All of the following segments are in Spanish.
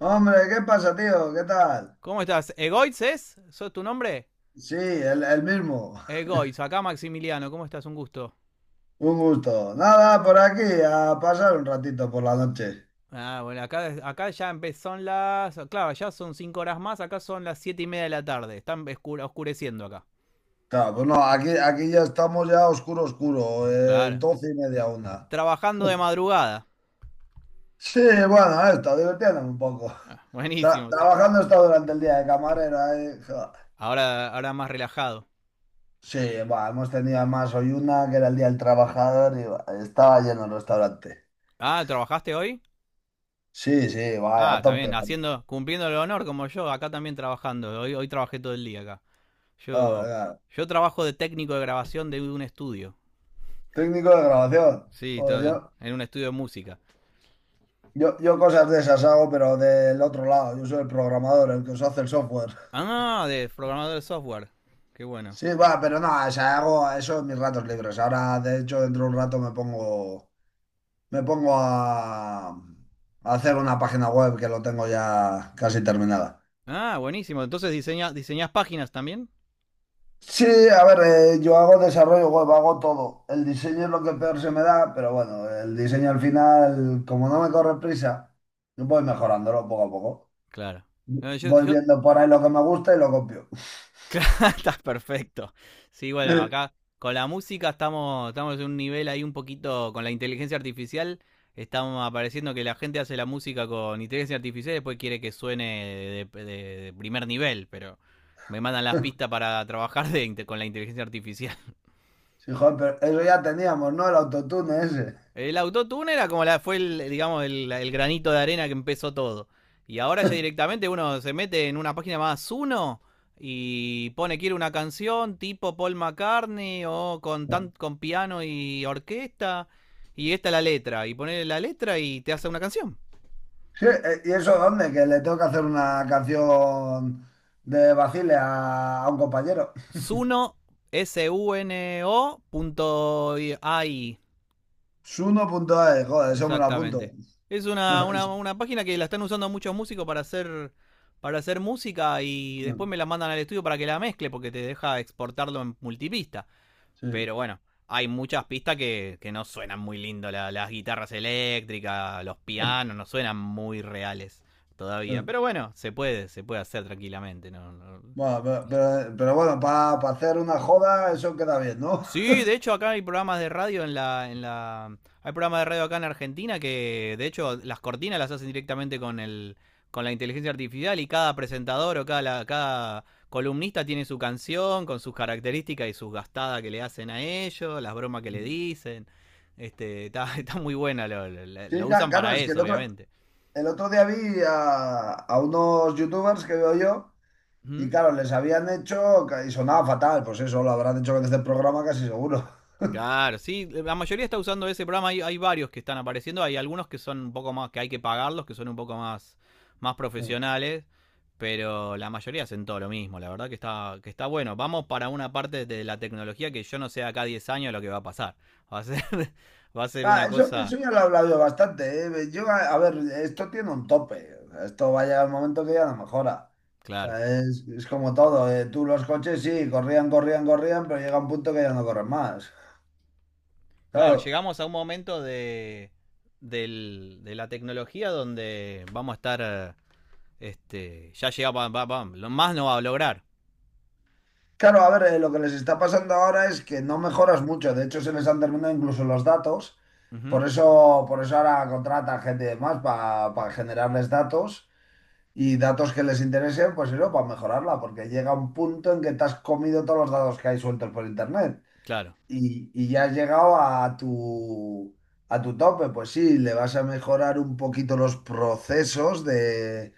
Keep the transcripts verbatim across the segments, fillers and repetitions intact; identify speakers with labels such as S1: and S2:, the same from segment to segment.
S1: Hombre, ¿qué pasa, tío? ¿Qué tal?
S2: ¿Cómo estás? ¿Egoitz es? ¿Sos tu nombre?
S1: Sí, el, el mismo.
S2: Egoitz, acá Maximiliano, ¿cómo estás? Un gusto.
S1: Un gusto. Nada, por aquí, a pasar un ratito por la noche.
S2: Ah, bueno, acá, acá ya empezaron las. Claro, ya son cinco horas más, acá son las siete y media de la tarde. Están oscureciendo acá.
S1: Claro, pues no, aquí, aquí ya estamos ya oscuro, oscuro, eh,
S2: Claro.
S1: doce y media una.
S2: Trabajando de madrugada.
S1: Sí, bueno, esto, divirtiéndome un poco.
S2: Ah,
S1: Tra-
S2: buenísimo.
S1: trabajando esto durante el día de camarera. Eh, joder.
S2: Ahora, ahora más relajado.
S1: Sí, bueno, hemos tenido además hoy una que era el día del trabajador y buah, estaba lleno el restaurante.
S2: Ah, ¿trabajaste hoy?
S1: Sí, sí, vaya,
S2: Ah,
S1: a
S2: está bien,
S1: tope.
S2: haciendo, cumpliendo el honor como yo, acá también trabajando. Hoy, hoy trabajé todo el día acá.
S1: Joder,
S2: Yo,
S1: claro.
S2: yo trabajo de técnico de grabación de un estudio.
S1: Técnico de grabación.
S2: Sí,
S1: Joder, yo,
S2: en un estudio de música.
S1: Yo, yo cosas de esas hago, pero del otro lado. Yo soy el programador, el que os hace el software.
S2: Ah, no, no, no, de programador de software. Qué bueno.
S1: Sí, va, pero no, o sea, hago eso en mis ratos libres. Ahora, de hecho, dentro de un rato me pongo, me pongo a, a, hacer una página web que lo tengo ya casi terminada.
S2: Ah, buenísimo. Entonces diseñas, diseñas páginas también.
S1: Sí, a ver, eh, yo hago desarrollo web, hago todo. El diseño es lo que peor se me da, pero bueno, el diseño al final, como no me corre prisa, voy mejorándolo poco a poco.
S2: Claro. No, yo,
S1: Voy
S2: yo...
S1: viendo por ahí lo que me gusta y lo copio.
S2: Claro, está perfecto. Sí, bueno, acá con la música estamos, estamos en un nivel ahí un poquito con la inteligencia artificial. Estamos apareciendo que la gente hace la música con inteligencia artificial y después quiere que suene de, de- de primer nivel, pero me mandan las pistas para trabajar de inte- con la inteligencia artificial.
S1: Sí, joder, pero eso ya teníamos, ¿no? El autotune ese.
S2: El autotune era como la, fue el, digamos, el, el granito de arena que empezó todo. Y ahora ya directamente uno se mete en una página más uno y pone quiere una canción tipo Paul McCartney o con tan, con piano y orquesta y esta es la letra y pone la letra y te hace una canción.
S1: Sí, eh, ¿y eso dónde? Que le tengo que hacer una canción de Basile a, a, un compañero.
S2: Suno, S U N O punto A I.
S1: Suno.es, joder, eso me lo apunto.
S2: Exactamente. Es una, una, una página que la están usando muchos músicos para hacer, para hacer música y después me la mandan al estudio para que la mezcle porque te deja exportarlo en multipista.
S1: Sí.
S2: Pero bueno, hay muchas pistas que, que no suenan muy lindo. La- las guitarras eléctricas, los pianos, no suenan muy reales todavía. Pero bueno, se puede, se puede hacer tranquilamente. No, no.
S1: Bueno, pero, pero- pero bueno, para hacer una joda eso queda bien, ¿no?
S2: Sí, de hecho acá hay programas de radio en la, en la... Hay programas de radio acá en Argentina que de hecho las cortinas las hacen directamente con el con la inteligencia artificial y cada presentador o cada, cada columnista tiene su canción con sus características y sus gastadas que le hacen a ellos, las bromas que le dicen. Este, está, está muy buena, lo, lo-
S1: Sí,
S2: lo
S1: ca-
S2: usan
S1: claro,
S2: para
S1: es que el
S2: eso,
S1: otro,
S2: obviamente.
S1: el otro día vi a, a unos youtubers que veo yo. Y
S2: Ujú.
S1: claro, les habían hecho, y sonaba fatal, pues eso lo habrán hecho desde el programa casi seguro.
S2: Claro, sí, eh, la mayoría está usando ese programa, hay, hay varios que están apareciendo, hay algunos que son un poco más, que hay que pagarlos, que son un poco más, más profesionales, pero la mayoría hacen todo lo mismo, la verdad que está, que está bueno. Vamos para una parte de la tecnología que yo no sé acá diez años lo que va a pasar. Va a ser, va a ser
S1: Ah,
S2: una
S1: eso,
S2: cosa,
S1: eso ya lo he hablado yo bastante, ¿eh? Yo, a, a ver, esto tiene un tope. O sea, esto va a llegar un momento que ya no mejora. O
S2: claro.
S1: sea, es, es como todo. ¿Eh? Tú los coches sí, corrían, corrían, corrían, pero llega un punto que ya no corren más.
S2: Claro,
S1: Claro,
S2: llegamos a un momento de, del- de la tecnología donde vamos a estar, este, ya llega, va- va- va- lo más no va a lograr.
S1: claro, a ver, eh, lo que les está pasando ahora es que no mejoras mucho. De hecho, se les han terminado incluso los datos.
S2: Ujú.
S1: Por eso, por eso ahora contratan gente y demás para generarles datos y datos que les interesen, pues eso, para mejorarla, porque llega un punto en que te has comido todos los datos que hay sueltos por internet
S2: Claro,
S1: y, y ya has llegado a tu, a tu, tope, pues sí, le vas a mejorar un poquito los procesos de,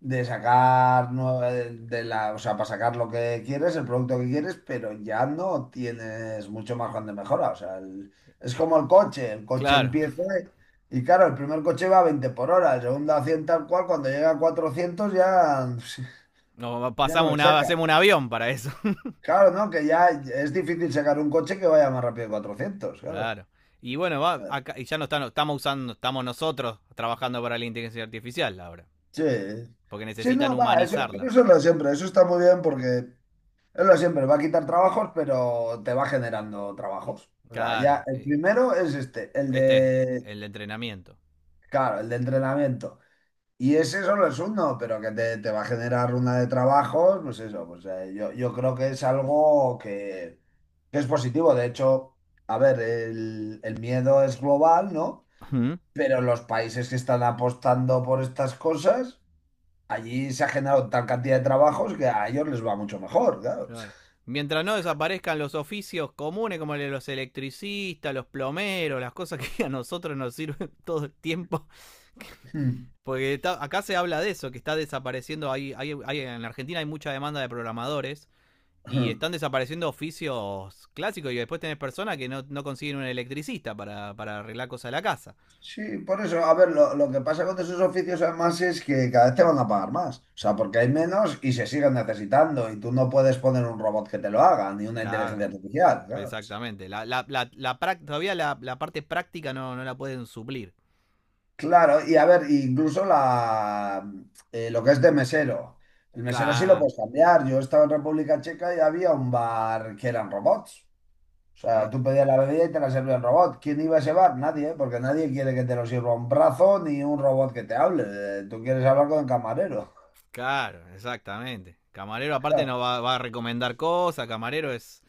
S1: de sacar nue- eh, de la, o sea, para sacar lo que quieres, el producto que quieres, pero ya no tienes mucho margen de mejora. O sea, el- es como el coche, el coche
S2: claro.
S1: empieza y claro, el primer coche va a veinte por hora, el segundo a cien tal cual, cuando llega a cuatrocientos ya,
S2: No,
S1: ya no
S2: pasamos
S1: le
S2: una, hacemos
S1: saca.
S2: un avión para eso.
S1: Claro, ¿no? Que ya es difícil sacar un coche que vaya más rápido que cuatrocientos, claro.
S2: Claro. Y bueno, va, acá, y ya no están, estamos usando, estamos nosotros trabajando para la inteligencia artificial ahora.
S1: Sí,
S2: Porque
S1: sí,
S2: necesitan
S1: no, va, eso, pero
S2: humanizarla.
S1: eso es lo de siempre, eso está muy bien porque es lo de siempre, va a quitar trabajos, pero te va generando trabajos. O sea, ya
S2: Claro.
S1: el primero es este, el
S2: Este es
S1: de,
S2: el entrenamiento.
S1: claro, el de entrenamiento. Y ese solo es uno, pero que te, te va a generar una de trabajos, pues eso, pues eh, yo, yo creo que es algo que, que es positivo. De hecho, a ver, el, el miedo es global, ¿no?
S2: Uh-huh.
S1: Pero los países que están apostando por estas cosas allí se ha generado tal cantidad de trabajos que a ellos les va mucho mejor, claro.
S2: Claro. Mientras no desaparezcan los oficios comunes como los electricistas, los plomeros, las cosas que a nosotros nos sirven todo el tiempo. Porque está, acá se habla de eso, que está desapareciendo. Hay, hay, hay, en Argentina hay mucha demanda de programadores. Y están desapareciendo oficios clásicos y después tenés personas que no, no consiguen un electricista para, para arreglar cosas de la casa.
S1: Sí, por eso, a ver, lo, lo que pasa con esos oficios además es que cada vez te van a pagar más, o sea, porque hay menos y se siguen necesitando y tú no puedes poner un robot que te lo haga, ni una
S2: Claro,
S1: inteligencia artificial, claro.
S2: exactamente. La, la, la, la todavía la, la parte práctica no, no la pueden suplir.
S1: Claro, y a ver, incluso la, eh, lo que es de mesero, el mesero sí lo
S2: Ca-
S1: puedes cambiar, yo estaba en República Checa y había un bar que eran robots. O sea, tú pedías la bebida y te la servía el robot. ¿Quién iba a llevar? Nadie, ¿eh? Porque nadie quiere que te lo sirva un brazo ni un robot que te hable. Eh, Tú quieres hablar con el camarero.
S2: Claro, exactamente. Camarero aparte
S1: Claro.
S2: nos va, va a recomendar cosas, camarero es...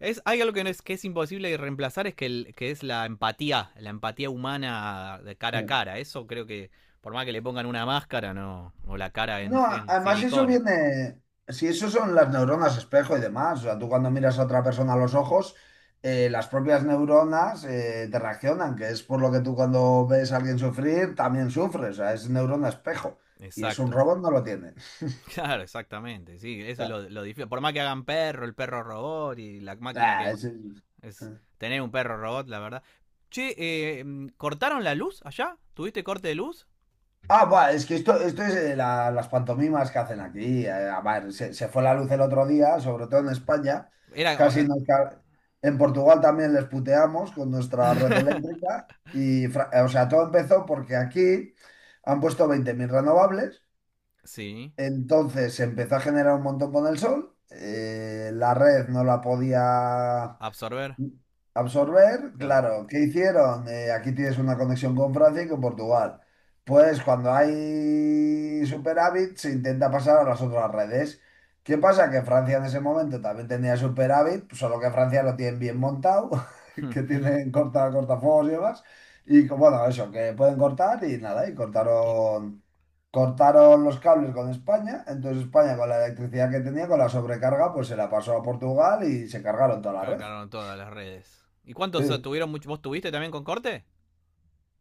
S2: Es, hay algo que, no es, que es imposible de reemplazar, es que, el- que es la empatía, la empatía humana de cara a cara. Eso creo que, por más que le pongan una máscara, no, o la cara en,
S1: No, a-
S2: en
S1: además eso
S2: silicona.
S1: viene, si eso son las neuronas espejo y demás, o sea, tú cuando miras a otra persona a los ojos, eh, las propias neuronas eh, te reaccionan, que es por lo que tú cuando ves a alguien sufrir también sufres, o sea, es neurona espejo y es un
S2: Exacto,
S1: robot no lo tiene.
S2: claro, exactamente, sí, eso es lo, lo difícil. Por más que hagan perro, el perro robot y la máquina
S1: ah,
S2: que
S1: es-
S2: es tener un perro robot, la verdad. Che, eh, mm, ¿cortaron la luz allá? ¿Tuviste corte de luz?
S1: Ah, buah, es que esto, esto, es eh, la- las pantomimas que hacen aquí. Eh, a ver, se, se fue la luz el otro día, sobre todo en España. Casi
S2: Era...
S1: nos ca- En Portugal también les puteamos con nuestra red eléctrica. Y, Fra- eh, o sea, todo empezó porque aquí han puesto veinte mil renovables.
S2: Sí,
S1: Entonces se empezó a generar un montón con el sol. Eh, la red no la podía
S2: absorber,
S1: absorber,
S2: claro.
S1: claro. ¿Qué hicieron? Eh, aquí tienes una conexión con Francia y con Portugal. Pues cuando hay superávit se intenta pasar a las otras redes. ¿Qué pasa? Que Francia en ese momento también tenía superávit, solo que Francia lo tienen bien montado, que tienen corta, cortafuegos y demás. Y co- bueno, eso, que pueden cortar y nada, y
S2: Y
S1: cortaron, cortaron, los cables con España. Entonces España con la electricidad que tenía, con la sobrecarga, pues se la pasó a Portugal y se cargaron toda la red.
S2: cargaron todas las redes. ¿Y cuántos ah,
S1: Sí.
S2: tuvieron? Mucho, ¿vos tuviste también con corte?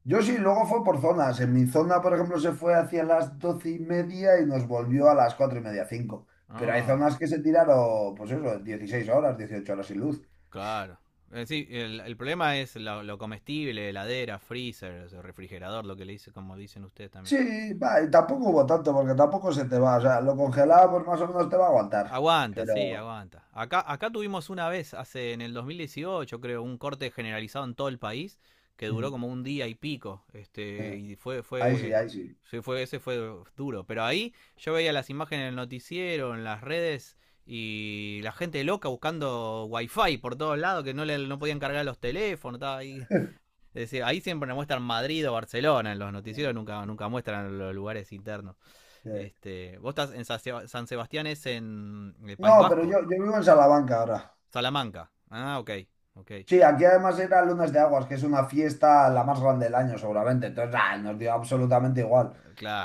S1: Yo sí, luego fue por zonas. En mi zona, por ejemplo, se fue hacia las doce y media y nos volvió a las cuatro y media, cinco. Pero hay
S2: Ah,
S1: zonas que se tiraron, pues eso, dieciséis horas, dieciocho horas sin luz.
S2: claro. Eh, sí, el, el problema es lo, lo comestible, heladera, freezer, o sea, refrigerador, lo que le dice, como dicen ustedes también.
S1: Sí, va, y tampoco hubo tanto, porque tampoco se te va. O sea, lo congelado, pues más o menos te va a aguantar.
S2: Aguanta, sí,
S1: Pero
S2: aguanta. Acá, acá tuvimos una vez, hace en el dos mil dieciocho, creo, un corte generalizado en todo el país que duró
S1: mm,
S2: como un día y pico. Este,
S1: eh,
S2: y fue,
S1: ahí sí,
S2: fue,
S1: ahí sí.
S2: sí, fue, ese fue duro. Pero ahí yo veía las imágenes en el noticiero, en las redes y la gente loca buscando wifi por todos lados que no le no podían cargar los teléfonos. Estaba ahí. Es decir, ahí siempre nos muestran Madrid o Barcelona en los noticieros, nunca, nunca muestran los lugares internos.
S1: Eh,
S2: Este, vos estás en Sa- Seba- San Sebastián, es en el País
S1: No, pero
S2: Vasco,
S1: yo, yo, vivo en Salamanca ahora.
S2: Salamanca. Ah, ok, ok,
S1: Sí, aquí además era Lunes de Aguas, que es una fiesta la más grande del año, seguramente. Entonces, ah, nos dio absolutamente igual.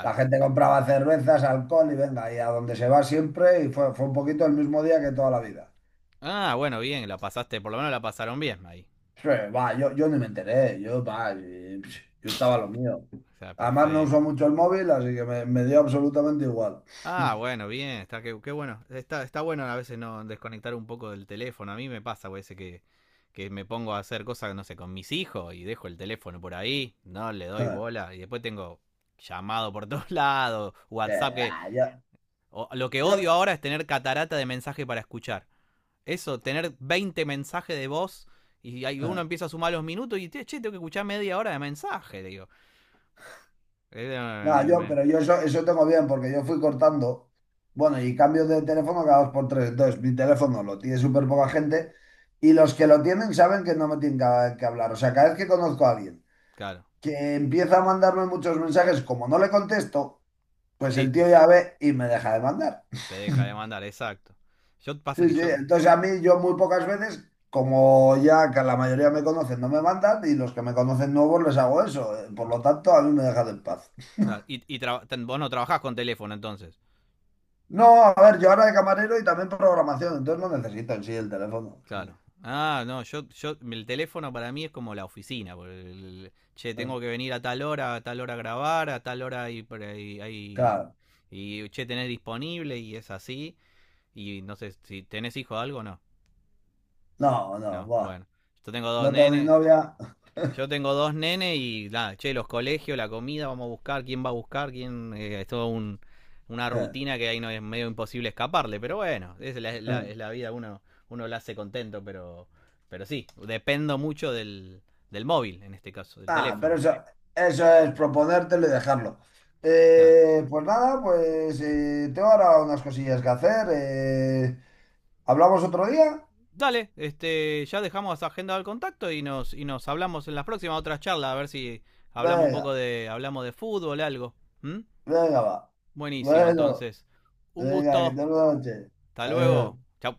S1: La gente compraba cervezas, alcohol y venga, y a donde se va siempre, y fue, fue, un poquito el mismo día que toda la vida.
S2: Ah, bueno, bien, la pasaste, por lo menos la pasaron bien ahí.
S1: Sí, va, yo, yo ni me enteré, yo, va, y, psh, yo estaba lo mío.
S2: O sea,
S1: Además no uso
S2: perfecto.
S1: mucho el móvil, así que me, me, dio absolutamente igual.
S2: Ah, bueno, bien, está que, qué bueno. Está, está bueno a veces no desconectar un poco del teléfono. A mí me pasa, güey, ese que, que me pongo a hacer cosas, no sé, con mis hijos y dejo el teléfono por ahí, no le doy bola y después tengo llamado por todos lados,
S1: Que,
S2: WhatsApp que
S1: ah, Yo,
S2: o- lo que
S1: yo,
S2: odio ahora es tener catarata de mensaje para escuchar. Eso, tener veinte mensajes de voz y ahí uno empieza a sumar los minutos y, che, tengo que escuchar media hora de mensaje, digo.
S1: No, yo, pero yo eso, eso tengo bien, porque yo fui cortando, bueno, y cambio de teléfono cada dos por tres, entonces mi teléfono lo tiene súper poca gente, y los que lo tienen saben que no me tienen que, que hablar, o sea, cada vez que conozco a alguien
S2: Claro,
S1: que empieza a mandarme muchos mensajes, como no le contesto, pues el
S2: listo,
S1: tío ya ve y me deja de mandar.
S2: te deja de mandar, exacto. Yo pasa
S1: Sí,
S2: que
S1: sí,
S2: yo...
S1: entonces a mí yo muy pocas veces, como ya que la mayoría me conocen, no me mandan y los que me conocen nuevos les hago eso. eh, Por lo tanto, a mí me dejan en paz.
S2: Claro, y, y tra- vos no trabajás con teléfono entonces.
S1: No, a ver, yo ahora de camarero y también programación, entonces no necesito en sí el teléfono. Sí.
S2: Claro. Ah, no, yo, yo, el teléfono para mí es como la oficina. Por el- che,
S1: eh,
S2: tengo que venir a tal hora, a tal hora a grabar, a tal hora y, por ahí- ahí-
S1: Claro,
S2: y che, tenés disponible y es así. Y no sé si tenés hijo o algo, no.
S1: no, no,
S2: No,
S1: buah,
S2: bueno. Yo tengo dos
S1: no tengo ni
S2: nenes.
S1: novia.
S2: Yo tengo dos nenes y nada, che, los colegios, la comida, vamos a buscar, quién va a buscar, quién. Eh, es todo un, una rutina que ahí no es medio imposible escaparle. Pero bueno, es la, la- es la vida, uno, uno la hace contento, pero, pero sí, dependo mucho del, del móvil, en este caso, del
S1: Ah, pero
S2: teléfono.
S1: eso, eso, es proponértelo y dejarlo.
S2: Claro.
S1: Eh, pues nada, pues eh, tengo ahora unas cosillas que hacer. Eh, ¿hablamos otro día?
S2: Dale, este, ya dejamos agenda al contacto y nos, y nos hablamos en las próximas otras charlas, a ver si hablamos un poco
S1: Venga,
S2: de, hablamos de fútbol, algo. ¿Mm?
S1: venga, va.
S2: Buenísimo,
S1: Bueno,
S2: entonces. Un
S1: venga, que
S2: gusto.
S1: tengas una noche.
S2: Hasta
S1: Adiós.
S2: luego. Chau.